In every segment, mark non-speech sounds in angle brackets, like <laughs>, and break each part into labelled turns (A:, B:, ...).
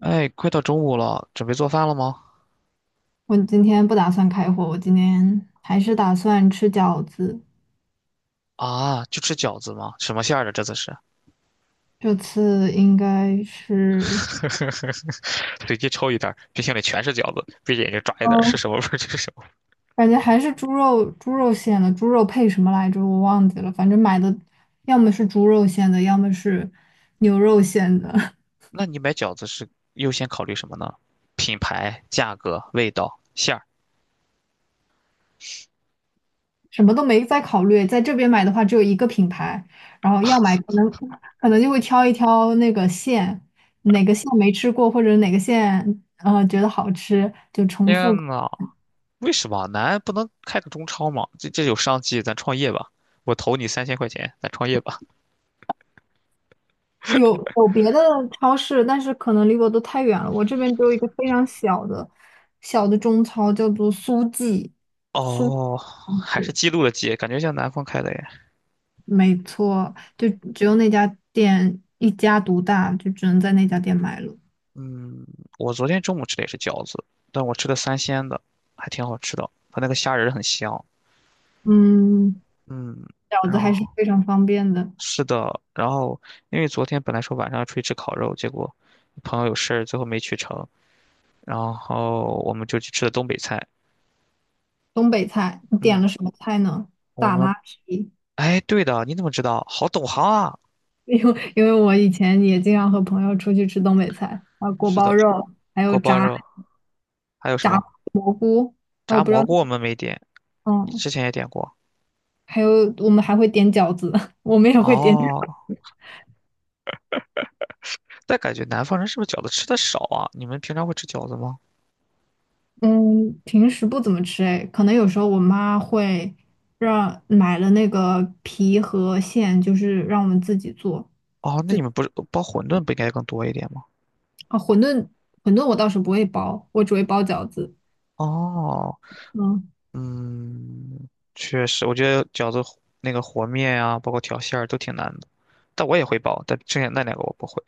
A: 哎，快到中午了，准备做饭了吗？
B: 我今天不打算开火，我今天还是打算吃饺子。
A: 啊，就吃饺子吗？什么馅儿的？这次是
B: 这次应该是，
A: <laughs>，随机抽一袋儿，冰箱里全是饺子，闭着眼睛抓一袋儿，是
B: 哦，
A: 什么味儿就是什么味儿。
B: 感觉还是猪肉，猪肉馅的，猪肉配什么来着？我忘记了，反正买的要么是猪肉馅的，要么是牛肉馅的，
A: 那你买饺子是优先考虑什么呢？品牌、价格、味道、馅儿。
B: <laughs> 什么都没再考虑。在这边买的话，只有一个品牌，然后要买可能就会挑一挑那个馅，哪个馅没吃过，或者哪个馅觉得好吃，就重复。
A: 天呐，为什么咱不能开个中超吗？这有商机，咱创业吧。我投你3000块钱，咱创业吧。
B: 有别的超市，但是可能离我都太远了。我这边只有一个非常小的小的中超，叫做苏记，苏，
A: 哦，还是记录了记，感觉像南方开的耶。
B: 没错，就只有那家店一家独大，就只能在那家店买了。
A: 嗯，我昨天中午吃的也是饺子，但我吃的三鲜的，还挺好吃的。它那个虾仁儿很香。
B: 嗯，
A: 嗯，
B: 饺子
A: 然
B: 还是
A: 后
B: 非常方便的。
A: 是的，然后因为昨天本来说晚上要出去吃烤肉，结果朋友有事儿，最后没去成。然后我们就去吃的东北菜。
B: 东北菜，你点
A: 嗯，
B: 了什么菜呢？
A: 我
B: 大
A: 们
B: 拉皮，
A: 哎，对的，你怎么知道？好懂行啊！
B: 因为我以前也经常和朋友出去吃东北菜，啊，锅
A: 是
B: 包
A: 的，
B: 肉，还有
A: 锅包
B: 炸
A: 肉，还有什
B: 炸，
A: 么
B: 啊，我
A: 炸
B: 不知
A: 蘑
B: 道，
A: 菇？我们没点，你
B: 嗯。
A: 之前也点过。
B: 还有我们还会点饺子，<laughs> 我们也会点饺子。
A: 哦，但感觉南方人是不是饺子吃的少啊？你们平常会吃饺子吗？
B: 嗯，平时不怎么吃哎，可能有时候我妈会让买了那个皮和馅，就是让我们自己做。
A: 哦，那你们不是包馄饨不应该更多一点吗？
B: 啊，馄饨，馄饨我倒是不会包，我只会包饺子。
A: 哦，
B: 嗯。
A: 嗯，确实，我觉得饺子和那个和面啊，包括调馅儿都挺难的，但我也会包，但剩下那两个我不会。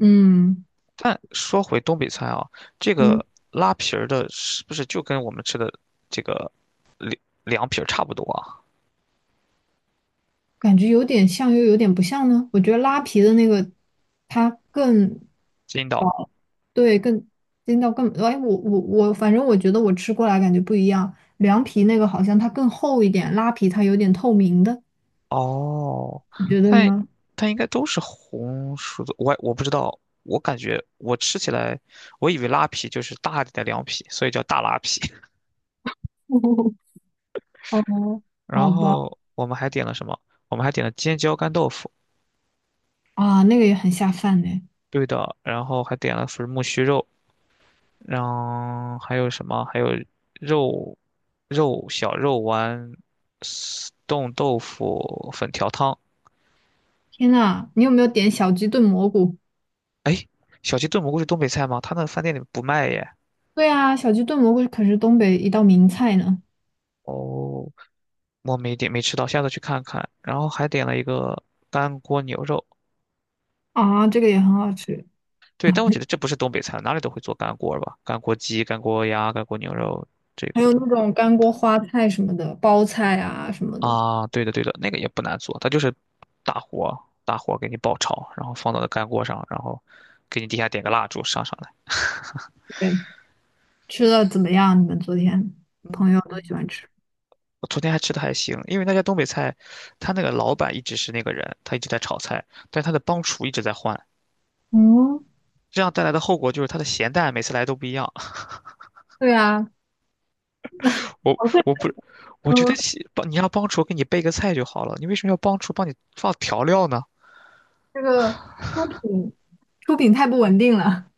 B: 嗯。
A: 但说回东北菜啊，这
B: 嗯。
A: 个拉皮儿的是不是就跟我们吃的这个凉凉皮儿差不多啊？
B: 感觉有点像又有点不像呢。我觉得拉皮的那个它更
A: 筋道。
B: 薄，对，更筋道更，哎，我，反正我觉得我吃过来感觉不一样。凉皮那个好像它更厚一点，拉皮它有点透明的，
A: 哦，
B: 你觉得
A: 但
B: 呢？
A: 但应该都是红薯的，我不知道，我感觉我吃起来，我以为拉皮就是大一点的凉皮，所以叫大拉皮。
B: <laughs> 哦，好
A: 然
B: 吧，
A: 后我们还点了什么？我们还点了尖椒干豆腐，
B: 啊，那个也很下饭呢。
A: 对的，然后还点了粉木须肉，然后还有什么？还有肉小肉丸、丝冻豆腐、粉条汤。
B: 天呐，你有没有点小鸡炖蘑菇？
A: 哎，小鸡炖蘑菇是东北菜吗？他那饭店里不卖耶。
B: 对啊，小鸡炖蘑菇可是东北一道名菜呢。
A: 哦，我没点没吃到，下次去看看。然后还点了一个干锅牛肉，
B: 啊，这个也很好吃。
A: 对，但我觉得这不是东北菜，哪里都会做干锅吧？干锅鸡、干锅鸭、干锅牛肉，这
B: 还有那
A: 个。
B: 种干锅花菜什么的，包菜啊什么的。
A: 啊，对的对的，那个也不难做，它就是大火大火给你爆炒，然后放到了干锅上，然后给你底下点个蜡烛上上来。
B: 对，吃的怎么样？你们昨天朋友都喜欢吃？
A: 我昨天还吃的还行，因为那家东北菜，他那个老板一直是那个人，他一直在炒菜，但他的帮厨一直在换，
B: 嗯，
A: 这样带来的后果就是他的咸淡每次来都不一样。<laughs>
B: 对啊，
A: 我
B: 我会
A: 我不，我觉得
B: 说
A: 帮你让帮厨给你备个菜就好了，你为什么要帮厨帮你放调料呢？
B: 这个出品，出品太不稳定了。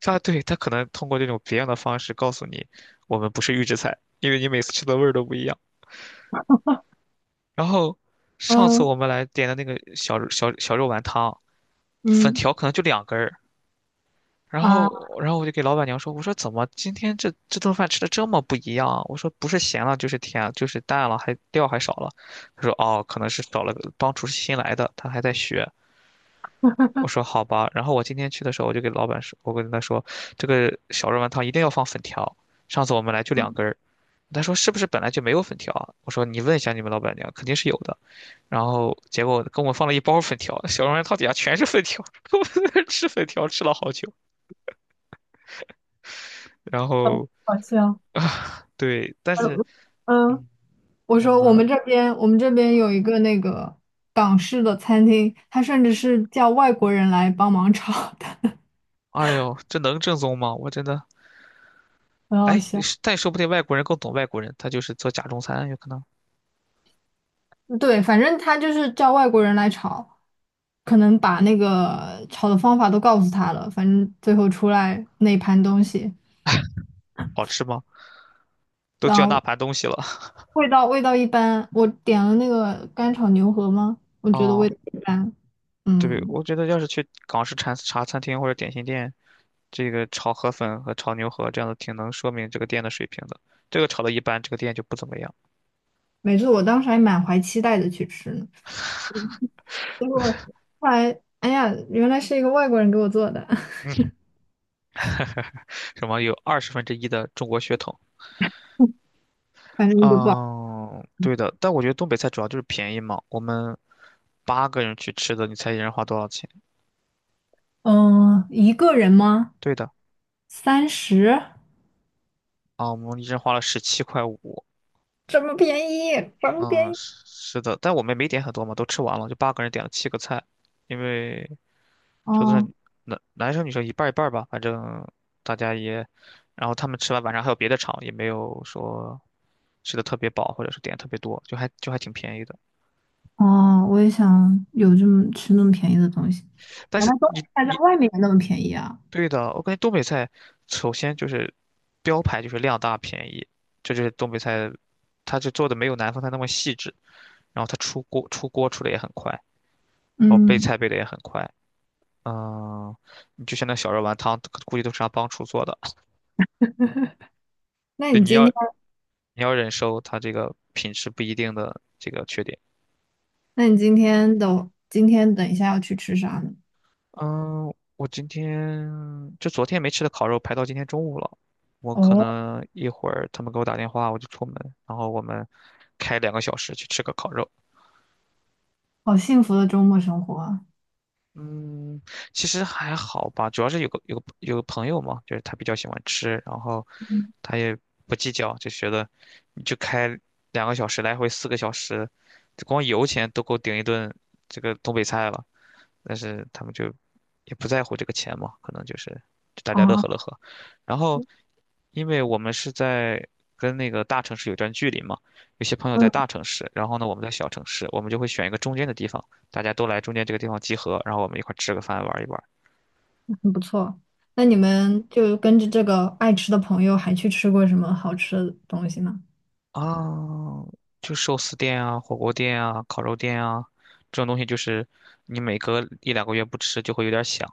A: 他可能通过这种别样的方式告诉你，我们不是预制菜，因为你每次吃的味儿都不一样。然后上次
B: 嗯。
A: 我们来点的那个小肉丸汤，粉
B: 嗯。
A: 条可能就两根儿。然
B: 啊，
A: 后，然后我就给老板娘说：“我说怎么今天这顿饭吃的这么不一样啊？我说不是咸了就是甜了就是淡了，还料还少了。”她说：“哦，可能是少了个，帮厨师新来的，他还在学。”我说好吧，然后我今天去的时候，我就给老板说，我跟他说，这个小肉丸汤一定要放粉条。上次我们来就两根儿，他说是不是本来就没有粉条啊？我说你问一下你们老板娘，肯定是有的。然后结果跟我放了一包粉条，小肉丸汤底下全是粉条，<laughs> 我在那儿吃粉条吃了好久。然后
B: 好笑。
A: 啊，<laughs> 对，但是
B: 嗯。嗯，
A: 嗯，我们
B: 我们这边有一个那个港式的餐厅，它甚至是叫外国人来帮忙炒的，
A: 哎呦，这能正宗吗？我真的
B: 很好
A: 哎，
B: 笑。
A: 是但说不定外国人更懂外国人，他就是做假中餐，有可能
B: 对，反正他就是叫外国人来炒，可能把那个炒的方法都告诉他了，反正最后出来那一盘东西，
A: 好吃吗？都
B: 然
A: 叫那
B: 后
A: 盘东西了
B: 味道一般。我点了那个干炒牛河吗？我
A: <laughs>
B: 觉得味
A: 哦。
B: 道一般。
A: 对，
B: 嗯，
A: 我觉得要是去港式茶餐厅或者点心店，这个炒河粉和炒牛河这样的，挺能说明这个店的水平的。这个炒的一般，这个店就不怎么样。
B: 没错，我当时还满怀期待的去吃呢，结果后来，哎呀，原来是一个外国人给我做的，
A: 什么有1/20的中国血统？
B: <laughs> 反正就不好。
A: 嗯，对的。但我觉得东北菜主要就是便宜嘛。我们八个人去吃的，你猜一人花多少钱？
B: 嗯，一个人吗？
A: 对的，
B: 三十，
A: 啊，我们一人花了17块5。
B: 这么便宜，这么
A: 嗯，
B: 便宜。
A: 是是的，但我们没点很多嘛，都吃完了，就八个人点了7个菜，因为桌子上
B: 哦，
A: 男生女生一半儿一半儿吧，反正大家也，然后他们吃完晚上还有别的场，也没有说吃的特别饱或者是点特别多，就还就还挺便宜的。
B: 哦，我也想有这么吃那么便宜的东西。
A: 但
B: 原
A: 是
B: 来东
A: 你
B: 北菜在
A: 你
B: 外面也那么便宜啊！
A: 对的，我感觉东北菜首先就是标牌就是量大便宜，这就是东北菜，它就做的没有南方菜那么细致，然后它出锅出的也很快，然后备
B: 嗯，
A: 菜备的也很快。嗯，你就像那小肉丸汤，估计都是让帮厨做的。<laughs>
B: 那
A: 对，
B: 你
A: 你
B: 今
A: 要
B: 天，
A: 你要忍受它这个品质不一定的这个缺点。
B: 那你今天的，今天等一下要去吃啥呢？
A: 嗯，我今天就昨天没吃的烤肉排到今天中午了，我可
B: 哦，
A: 能一会儿他们给我打电话，我就出门，然后我们开两个小时去吃个烤肉。
B: 好幸福的周末生活啊！
A: 嗯，其实还好吧，主要是有个朋友嘛，就是他比较喜欢吃，然后
B: 嗯，
A: 他也不计较，就觉得你就开两个小时来回4个小时，光油钱都够顶一顿这个东北菜了。但是他们就也不在乎这个钱嘛，可能就是大家乐
B: 啊。
A: 呵乐呵。然后，因为我们是在跟那个大城市有段距离嘛，有些朋友在
B: 嗯，
A: 大城市，然后呢我们在小城市，我们就会选一个中间的地方，大家都来中间这个地方集合，然后我们一块儿吃个饭玩一玩。
B: 很不错。那你们就跟着这个爱吃的朋友，还去吃过什么好吃的东西吗？
A: 啊，哦就寿司店啊、火锅店啊、烤肉店啊，这种东西就是你每隔一两个月不吃就会有点想，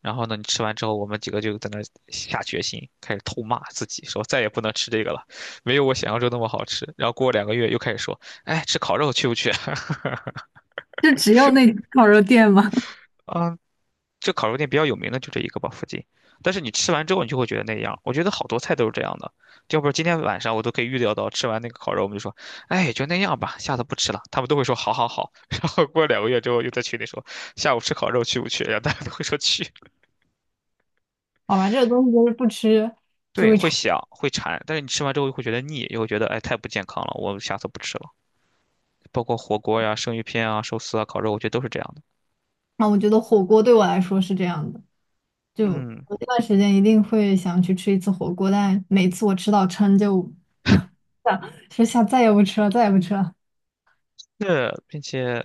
A: 然后呢，你吃完之后，我们几个就在那儿下决心，开始痛骂自己，说再也不能吃这个了，没有我想象中那么好吃。然后过两个月又开始说，哎，吃烤肉去不去？<laughs>
B: 就只有那烤肉店吗？
A: 啊，这烤肉店比较有名的就这一个吧，附近。但是你吃完之后，你就会觉得那样。我觉得好多菜都是这样的，要不是今天晚上我都可以预料到，吃完那个烤肉，我们就说，哎，也就那样吧，下次不吃了。他们都会说好好好。<laughs> 然后过2个月之后，又在群里说下午吃烤肉去不去？然后大家都会说去。
B: <laughs> 好吧，这个东西就是不吃就
A: 对，
B: 会
A: 会
B: 馋。
A: 想，会馋，但是你吃完之后又会觉得腻，又会觉得哎太不健康了，我下次不吃了。包括火锅呀、生鱼片啊、寿司啊、烤肉，我觉得都是这样的。
B: 那我觉得火锅对我来说是这样的。就
A: 嗯，
B: 我这段时间一定会想去吃一次火锅，但每次我吃到撑就想说下再也不吃了，再也不吃了。
A: 那并且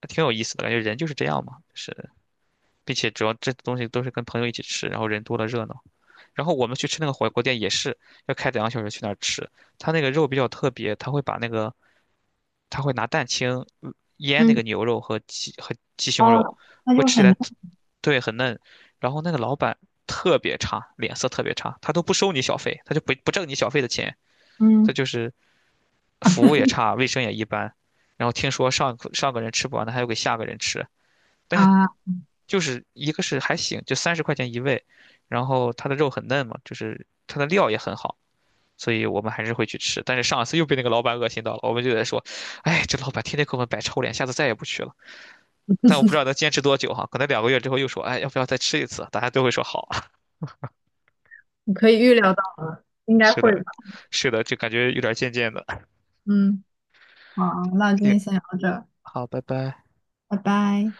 A: 还挺有意思的，感觉人就是这样嘛，是，并且主要这东西都是跟朋友一起吃，然后人多了热闹。然后我们去吃那个火锅店也是要开两个小时去那儿吃，他那个肉比较特别，他会拿蛋清呃腌那
B: 嗯，
A: 个牛肉和鸡胸肉，
B: 哦，那
A: 会
B: 就
A: 吃起来
B: 很
A: 特，对，很嫩。然后那个老板特别差，脸色特别差，他都不收你小费，他就不挣你小费的钱，他
B: 嗯。
A: 就是服务也差，卫生也一般。然后听说上个人吃不完的，还要给下个人吃，但是
B: 啊，
A: 就是一个是还行，就30块钱一位，然后他的肉很嫩嘛，就是他的料也很好。所以我们还是会去吃。但是上一次又被那个老板恶心到了，我们就在说，哎，这老板天天给我们摆臭脸，下次再也不去了。但我不知道能坚持多久哈，可能两个月之后又说，哎，要不要再吃一次？大家都会说好啊。<laughs>
B: 你可以预料到了，应该
A: 是
B: 会
A: 的，
B: 吧？
A: 是的，就感觉有点渐渐的。
B: 嗯。好，那今
A: 行，
B: 天先聊到这儿，
A: 好，拜拜。
B: 拜拜。